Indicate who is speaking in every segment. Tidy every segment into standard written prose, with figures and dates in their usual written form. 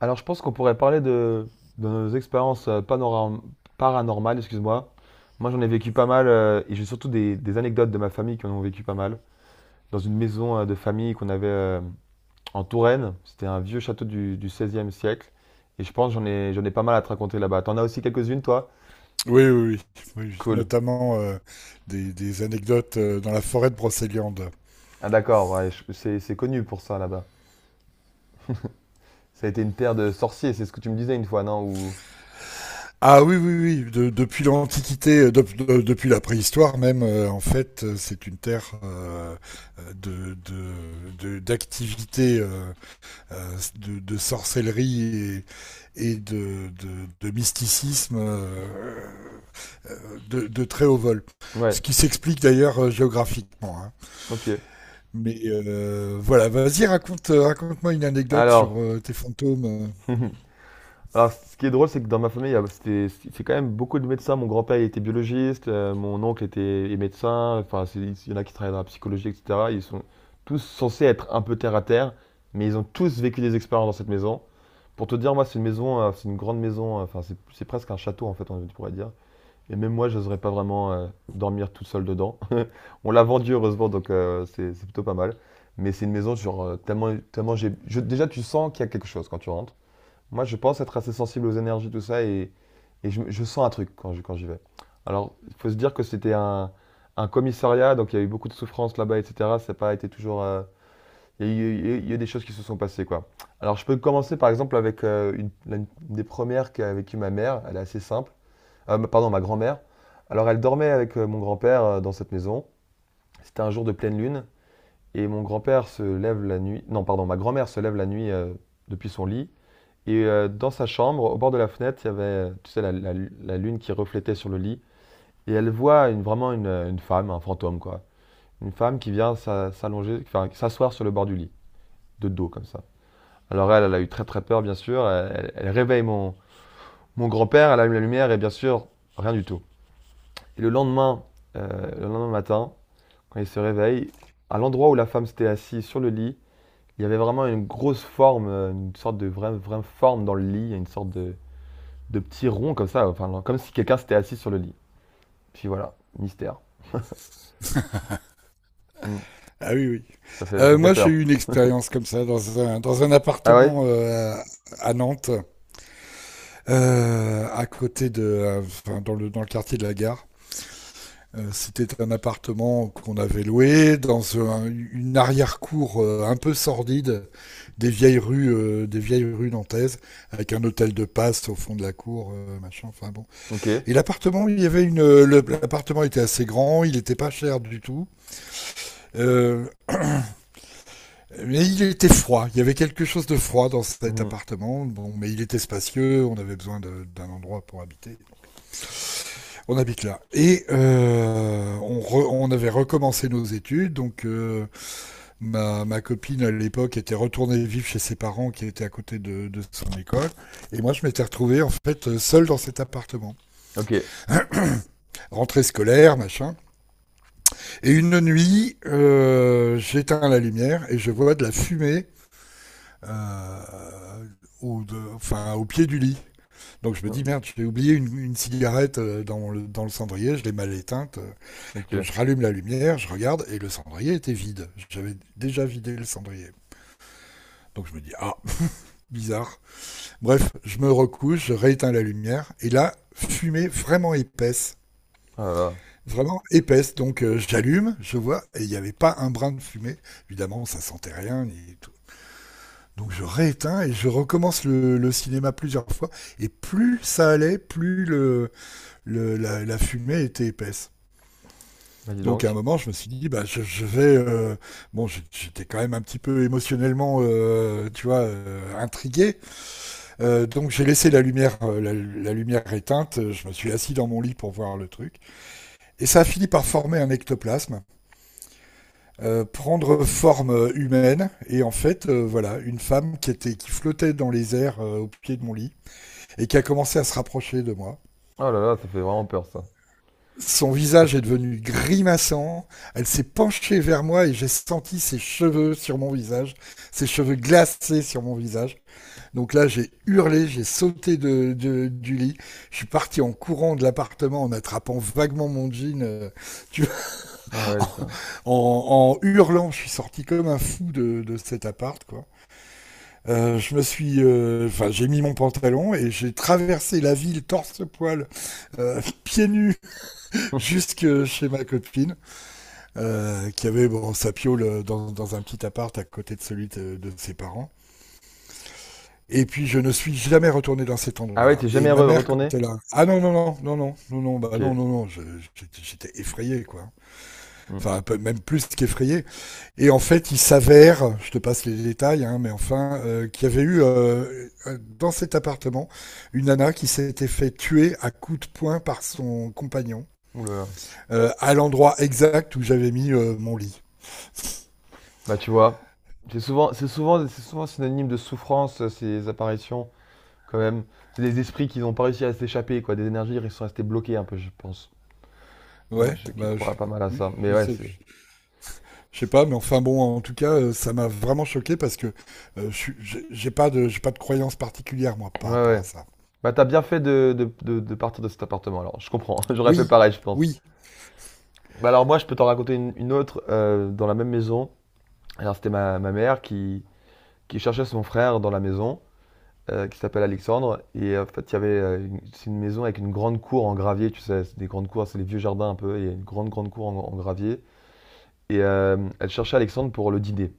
Speaker 1: Alors, je pense qu'on pourrait parler de nos expériences paranormales, excuse-moi. Moi, j'en ai vécu pas mal, et j'ai surtout des anecdotes de ma famille qui en ont vécu pas mal. Dans une maison de famille qu'on avait en Touraine, c'était un vieux château du XVIe siècle, et je pense que j'en ai pas mal à te raconter là-bas. T'en as aussi quelques-unes, toi?
Speaker 2: Oui, oui, oui. Oui. Oui.
Speaker 1: Cool.
Speaker 2: Notamment anecdotes dans la forêt de Brocéliande.
Speaker 1: Ah d'accord, ouais, c'est connu pour ça là-bas. Ça a été une terre de sorciers, c'est ce que tu me disais une fois, non?
Speaker 2: Ah oui, oui, oui. Depuis l'Antiquité, depuis la préhistoire même, en fait, c'est une terre d'activité, de sorcellerie et, et de mysticisme de très haut vol. Ce
Speaker 1: Ouais,
Speaker 2: qui s'explique d'ailleurs géographiquement, hein.
Speaker 1: ok.
Speaker 2: Mais voilà, vas-y, raconte, raconte-moi une anecdote
Speaker 1: Alors...
Speaker 2: sur tes fantômes.
Speaker 1: Alors, ce qui est drôle, c'est que dans ma famille, c'est quand même beaucoup de médecins. Mon grand-père, il était biologiste, mon oncle était est médecin. Enfin, il y en a qui travaillent dans la psychologie, etc. Ils sont tous censés être un peu terre à terre, mais ils ont tous vécu des expériences dans cette maison. Pour te dire, moi, c'est une maison, c'est une grande maison. Enfin, c'est presque un château, en fait, on pourrait dire. Et même moi, je n'oserais pas vraiment dormir tout seul dedans. On l'a vendu, heureusement, donc c'est plutôt pas mal. Mais c'est une maison, genre, tellement, tellement déjà, tu sens qu'il y a quelque chose quand tu rentres. Moi, je pense être assez sensible aux énergies, tout ça, et je sens un truc quand j'y vais. Alors, il faut se dire que c'était un commissariat, donc il y a eu beaucoup de souffrances là-bas, etc. Ça n'a pas été toujours. Il y a eu des choses qui se sont passées, quoi. Alors, je peux commencer par exemple avec une des premières qu'a vécu ma mère. Elle est assez simple. Pardon, ma grand-mère. Alors, elle dormait avec mon grand-père dans cette maison. C'était un jour de pleine lune, et mon grand-père se lève la nuit. Non, pardon, ma grand-mère se lève la nuit depuis son lit et dans sa chambre, au bord de la fenêtre, il y avait, tu sais, la lune qui reflétait sur le lit. Et elle voit vraiment une femme, un fantôme, quoi. Une femme qui vient s'allonger, enfin, s'asseoir sur le bord du lit, de dos, comme ça. Alors elle, a eu très très peur, bien sûr. Elle réveille mon grand-père, elle allume la lumière, et bien sûr, rien du tout. Et le lendemain, matin, quand il se réveille, à l'endroit où la femme s'était assise sur le lit, il y avait vraiment une grosse forme, une sorte de vraie, vraie forme dans le lit, une sorte de petits ronds comme ça, enfin, comme si quelqu'un s'était assis sur le lit. Puis voilà, mystère. Hmm.
Speaker 2: Ah oui, oui.
Speaker 1: Ça fait, ça fait
Speaker 2: Moi, j'ai
Speaker 1: peur.
Speaker 2: eu une expérience comme ça dans un
Speaker 1: Ah ouais?
Speaker 2: appartement à Nantes, enfin, dans le quartier de la gare. C'était un appartement qu'on avait loué dans une arrière-cour un peu sordide, des vieilles rues nantaises, avec un hôtel de passe au fond de la cour, machin. Enfin bon.
Speaker 1: Ok.
Speaker 2: Et l'appartement, il y avait une, le- l'appartement était assez grand, il n'était pas cher du tout. Euh, mais il était froid. Il y avait quelque chose de froid dans cet
Speaker 1: Mhm.
Speaker 2: appartement. Bon, mais il était spacieux, on avait besoin d'un endroit pour habiter. On habite là. Et on avait recommencé nos études, donc ma copine à l'époque était retournée vivre chez ses parents qui étaient à côté de son école, et moi je m'étais retrouvé en fait seul dans cet appartement,
Speaker 1: Ok.
Speaker 2: rentrée scolaire, machin. Et une nuit, j'éteins la lumière et je vois de la fumée euh, enfin, au pied du lit. Donc je me dis,
Speaker 1: Hmm.
Speaker 2: merde, j'ai oublié une cigarette dans le cendrier, je l'ai mal éteinte.
Speaker 1: Ok.
Speaker 2: Donc je rallume la lumière, je regarde et le cendrier était vide. J'avais déjà vidé le cendrier. Donc je me dis, ah, bizarre. Bref, je me recouche, je rééteins la lumière et là, fumée vraiment épaisse.
Speaker 1: Ah là là.
Speaker 2: Vraiment épaisse. Donc j'allume, je vois, et il n'y avait pas un brin de fumée. Évidemment, ça sentait rien ni tout. Donc je rééteins et je recommence le cinéma plusieurs fois. Et plus ça allait, plus la fumée était épaisse.
Speaker 1: Bah dis
Speaker 2: Donc à un
Speaker 1: donc.
Speaker 2: moment, je me suis dit, bah, je vais... Bon, j'étais quand même un petit peu émotionnellement, tu vois, intrigué. Donc j'ai laissé la lumière, lumière éteinte. Je me suis assis dans mon lit pour voir le truc. Et ça a fini par former un ectoplasme, prendre forme humaine, et en fait voilà, une femme qui était, qui flottait dans les airs au pied de mon lit et qui a commencé à se rapprocher de moi.
Speaker 1: Oh là là, ça fait vraiment peur ça.
Speaker 2: Son visage est devenu grimaçant, elle s'est penchée vers moi et j'ai senti ses cheveux sur mon visage, ses cheveux glacés sur mon visage. Donc là, j'ai hurlé, j'ai sauté du lit, je suis parti en courant de l'appartement en attrapant vaguement mon jean, tu vois,
Speaker 1: Ah ouais, putain.
Speaker 2: en hurlant, je suis sorti comme un fou de cet appart, quoi. Enfin, j'ai mis mon pantalon et j'ai traversé la ville torse-poil, pieds nus, jusque chez ma copine, qui avait bon, sa piole dans un petit appart à côté de celui de ses parents. Et puis, je ne suis jamais retourné dans cet
Speaker 1: Ah ouais,
Speaker 2: endroit-là.
Speaker 1: t'es
Speaker 2: Et
Speaker 1: jamais
Speaker 2: ma mère, quand
Speaker 1: retourné?
Speaker 2: elle a... Ah non, non, non, non, non, non, non, bah
Speaker 1: Ok.
Speaker 2: non, non, non, j'étais j'étais effrayé, quoi.
Speaker 1: Hmm.
Speaker 2: Enfin, même plus qu'effrayé. Et en fait, il s'avère, je te passe les détails, hein, mais enfin, qu'il y avait eu dans cet appartement une nana qui s'était fait tuer à coups de poing par son compagnon,
Speaker 1: Ouh là là.
Speaker 2: à l'endroit exact où j'avais mis mon lit.
Speaker 1: Bah tu vois, c'est souvent synonyme de souffrance ces apparitions quand même. C'est des esprits qui n'ont pas réussi à s'échapper quoi, des énergies ils sont restés bloqués un peu, je pense. Moi,
Speaker 2: Ouais,
Speaker 1: je qui
Speaker 2: bah
Speaker 1: crois pas mal à
Speaker 2: oui,
Speaker 1: ça. Mais ouais, c'est,
Speaker 2: je sais pas, mais enfin bon, en tout cas, ça m'a vraiment choqué parce que j'ai j'ai pas de croyance particulière moi
Speaker 1: ouais
Speaker 2: par rapport à
Speaker 1: ouais.
Speaker 2: ça.
Speaker 1: Bah, t'as bien fait de partir de cet appartement, alors. Je comprends. J'aurais fait
Speaker 2: Oui,
Speaker 1: pareil, je pense.
Speaker 2: oui,
Speaker 1: Bah, alors, moi, je peux t'en raconter une autre dans la même maison. Alors, c'était ma mère qui cherchait son frère dans la maison, qui s'appelle Alexandre. Et en fait, il y avait c'est une maison avec une grande cour en gravier, tu sais. C'est des grandes cours, c'est les vieux jardins un peu. Il y a une grande, grande cour en gravier. Et elle cherchait Alexandre pour le dîner.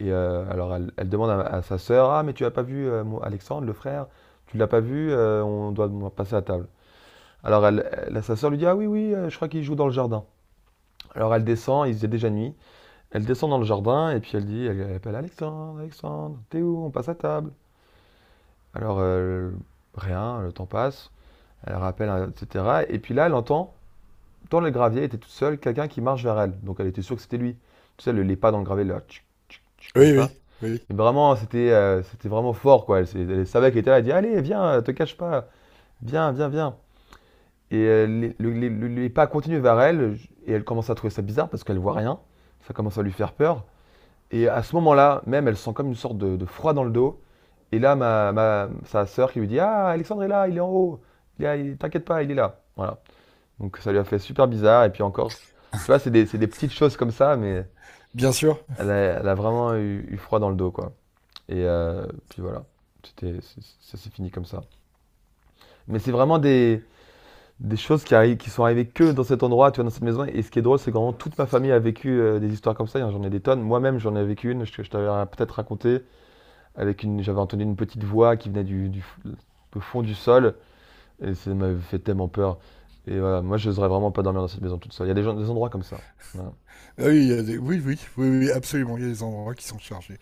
Speaker 1: Et alors, elle demande à sa sœur, Ah, mais tu as pas vu mon Alexandre, le frère? Tu l'as pas vu? On doit passer à table. Alors sa sœur lui dit Ah oui, oui, je crois qu'il joue dans le jardin. Alors elle descend, il faisait déjà nuit. Elle descend dans le jardin et puis elle dit elle appelle Alexandre, Alexandre, t'es où? On passe à table. Alors rien, le temps passe. Elle rappelle, etc. Et puis là, elle entend dans le gravier, elle était toute seule, quelqu'un qui marche vers elle. Donc elle était sûre que c'était lui. Tu sais, les pas dans le gravier, là, tchic, tchic, tchic, comme
Speaker 2: oui, oui,
Speaker 1: ça.
Speaker 2: oui,
Speaker 1: Et vraiment, c'était vraiment fort, quoi. Elle savait qu'elle était là. Elle dit Allez, viens, te cache pas. Viens, viens, viens. Et les pas continuent vers elle, et elle commence à trouver ça bizarre parce qu'elle voit rien. Ça commence à lui faire peur. Et à ce moment-là, même, elle sent comme une sorte de froid dans le dos. Et là, ma, sa sœur qui lui dit Ah, Alexandre est là, il est en haut. Il est là, T'inquiète pas, il est là. Voilà. Donc ça lui a fait super bizarre. Et puis encore, tu vois, c'est des, petites choses comme ça, mais
Speaker 2: bien sûr.
Speaker 1: elle a vraiment eu froid dans le dos, quoi. Et puis voilà, ça s'est fini comme ça. Mais c'est vraiment des choses qui arrivent, qui sont arrivées que dans cet endroit, tu vois, dans cette maison. Et ce qui est drôle, c'est que vraiment toute ma famille a vécu des histoires comme ça. J'en ai des tonnes. Moi-même, j'en ai vécu une. Je t'avais peut-être raconté. Avec une, j'avais entendu une petite voix qui venait du fond du sol. Et ça m'avait fait tellement peur. Et voilà, moi, je n'oserais vraiment pas dormir dans cette maison toute seule. Il y a des, gens, des endroits comme ça. Voilà.
Speaker 2: Ah oui, il y a des- oui, oui, oui, oui, absolument, il y a des endroits qui sont chargés.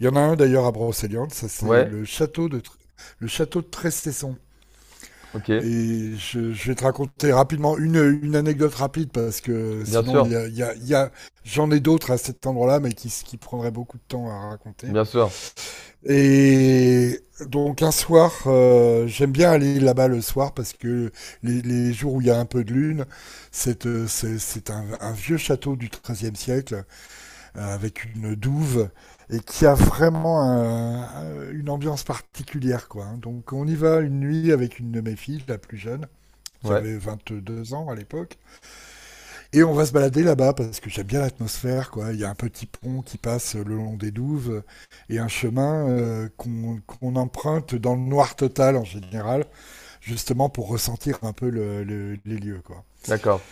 Speaker 2: Il y en a un d'ailleurs à Brocéliande, ça c'est
Speaker 1: Ouais,
Speaker 2: le château le château de Trestesson.
Speaker 1: ok.
Speaker 2: Et je vais te raconter rapidement une anecdote rapide parce que
Speaker 1: Bien
Speaker 2: sinon
Speaker 1: sûr.
Speaker 2: il y a, il y a, il y a- j'en ai d'autres à cet endroit-là, mais qui prendraient beaucoup de temps à raconter.
Speaker 1: Bien sûr.
Speaker 2: Et donc un soir, j'aime bien aller là-bas le soir parce que les jours où il y a un peu de lune, c'est un vieux château du XIIIe siècle avec une douve et qui a vraiment une ambiance particulière, quoi, hein. Donc on y va une nuit avec une de mes filles, la plus jeune, qui
Speaker 1: Ouais,
Speaker 2: avait 22 ans à l'époque, et on va se balader là-bas parce que j'aime bien l'atmosphère, quoi. Il y a un petit pont qui passe le long des douves et un chemin qu'on qu'on emprunte dans le noir total en général, justement pour ressentir un peu les lieux, quoi.
Speaker 1: d'accord.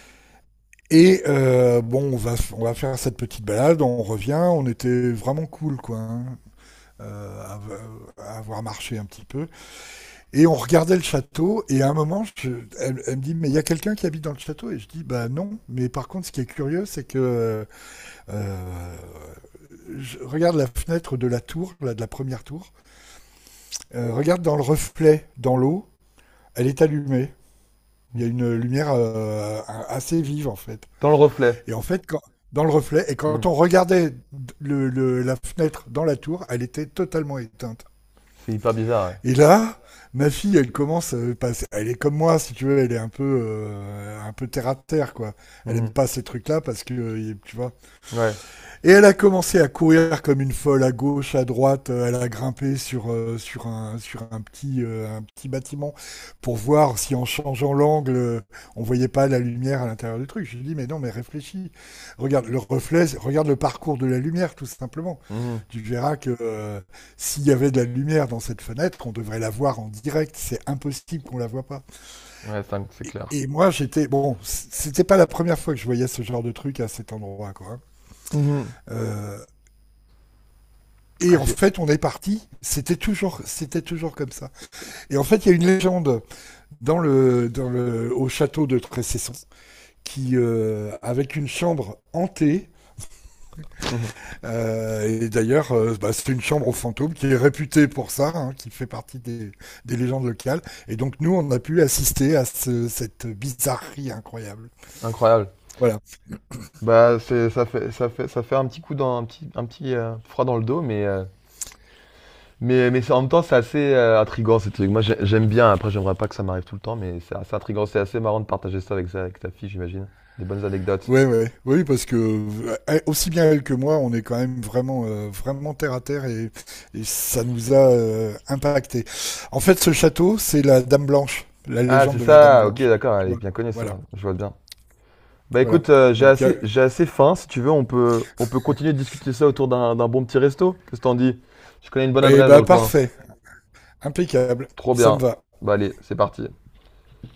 Speaker 2: Et bon, on va faire cette petite balade, on revient, on était vraiment cool, quoi, hein, à, à avoir marché un petit peu. Et on regardait le château, et à un moment, elle, elle me dit, mais il y a quelqu'un qui habite dans le château. Et je dis, bah non, mais par contre, ce qui est curieux, c'est que... euh, je regarde la fenêtre de la tour, là, de la première tour. Regarde dans le reflet, dans l'eau, elle est allumée. Il y a une lumière assez vive en fait.
Speaker 1: Dans le reflet.
Speaker 2: Et en fait, quand, dans le reflet, et
Speaker 1: Hmm.
Speaker 2: quand on regardait la fenêtre dans la tour, elle était totalement éteinte.
Speaker 1: C'est hyper bizarre.
Speaker 2: Et là, ma fille, elle commence, elle est comme moi, si tu veux, elle est un peu terre à terre, quoi.
Speaker 1: Ouais.
Speaker 2: Elle aime
Speaker 1: Mhm.
Speaker 2: pas ces trucs-là parce que, tu vois,
Speaker 1: Ouais.
Speaker 2: et elle a commencé à courir comme une folle à gauche, à droite. Elle a grimpé sur un petit, un petit bâtiment pour voir si en changeant l'angle, on voyait pas la lumière à l'intérieur du truc. Je lui ai dit, mais non, mais réfléchis. Regarde le reflet, regarde le parcours de la lumière, tout simplement.
Speaker 1: Mhm.
Speaker 2: Tu verras que s'il y avait de la lumière dans cette fenêtre, on devrait la voir en direct. C'est impossible qu'on la voit pas.
Speaker 1: Ouais, c'est clair.
Speaker 2: Et moi, j'étais... Bon, c'était pas la première fois que je voyais ce genre de truc à cet endroit, quoi, hein.
Speaker 1: Mhm.
Speaker 2: Euh, Et
Speaker 1: Ah,
Speaker 2: en fait, on est parti. C'était toujours comme ça. Et en fait, il y a une légende au château de Tressesson qui, avec une chambre hantée, et d'ailleurs, bah, c'est une chambre aux fantômes qui est réputée pour ça, hein, qui fait partie des légendes locales. Et donc, nous, on a pu assister à cette bizarrerie incroyable.
Speaker 1: Incroyable.
Speaker 2: Voilà.
Speaker 1: Bah, ça fait, ça fait un petit coup dans, un petit froid dans le dos, mais en même temps, c'est assez intriguant ces trucs. Moi, j'aime bien. Après, j'aimerais pas que ça m'arrive tout le temps, mais c'est assez intriguant. C'est assez marrant de partager ça avec ta fille, j'imagine. Des bonnes anecdotes.
Speaker 2: Ouais, ouais, oui, parce que aussi bien elle que moi, on est quand même vraiment, vraiment terre à terre, et ça nous a impacté. En fait, ce château, c'est la Dame Blanche, la
Speaker 1: Ah, c'est
Speaker 2: légende de la Dame
Speaker 1: ça. Ok,
Speaker 2: Blanche,
Speaker 1: d'accord.
Speaker 2: tu
Speaker 1: Elle est
Speaker 2: vois.
Speaker 1: bien connue,
Speaker 2: Voilà,
Speaker 1: ça. Je vois bien. Bah,
Speaker 2: voilà.
Speaker 1: écoute, j'ai
Speaker 2: Donc, il y a...
Speaker 1: assez, j'ai assez faim. Si tu veux, on peut continuer de discuter ça autour d'un bon petit resto. Qu'est-ce que t'en dis? Je connais une bonne
Speaker 2: Eh
Speaker 1: adresse dans
Speaker 2: ben,
Speaker 1: le coin.
Speaker 2: parfait, impeccable,
Speaker 1: Trop
Speaker 2: ça me
Speaker 1: bien.
Speaker 2: va.
Speaker 1: Bah, allez, c'est parti.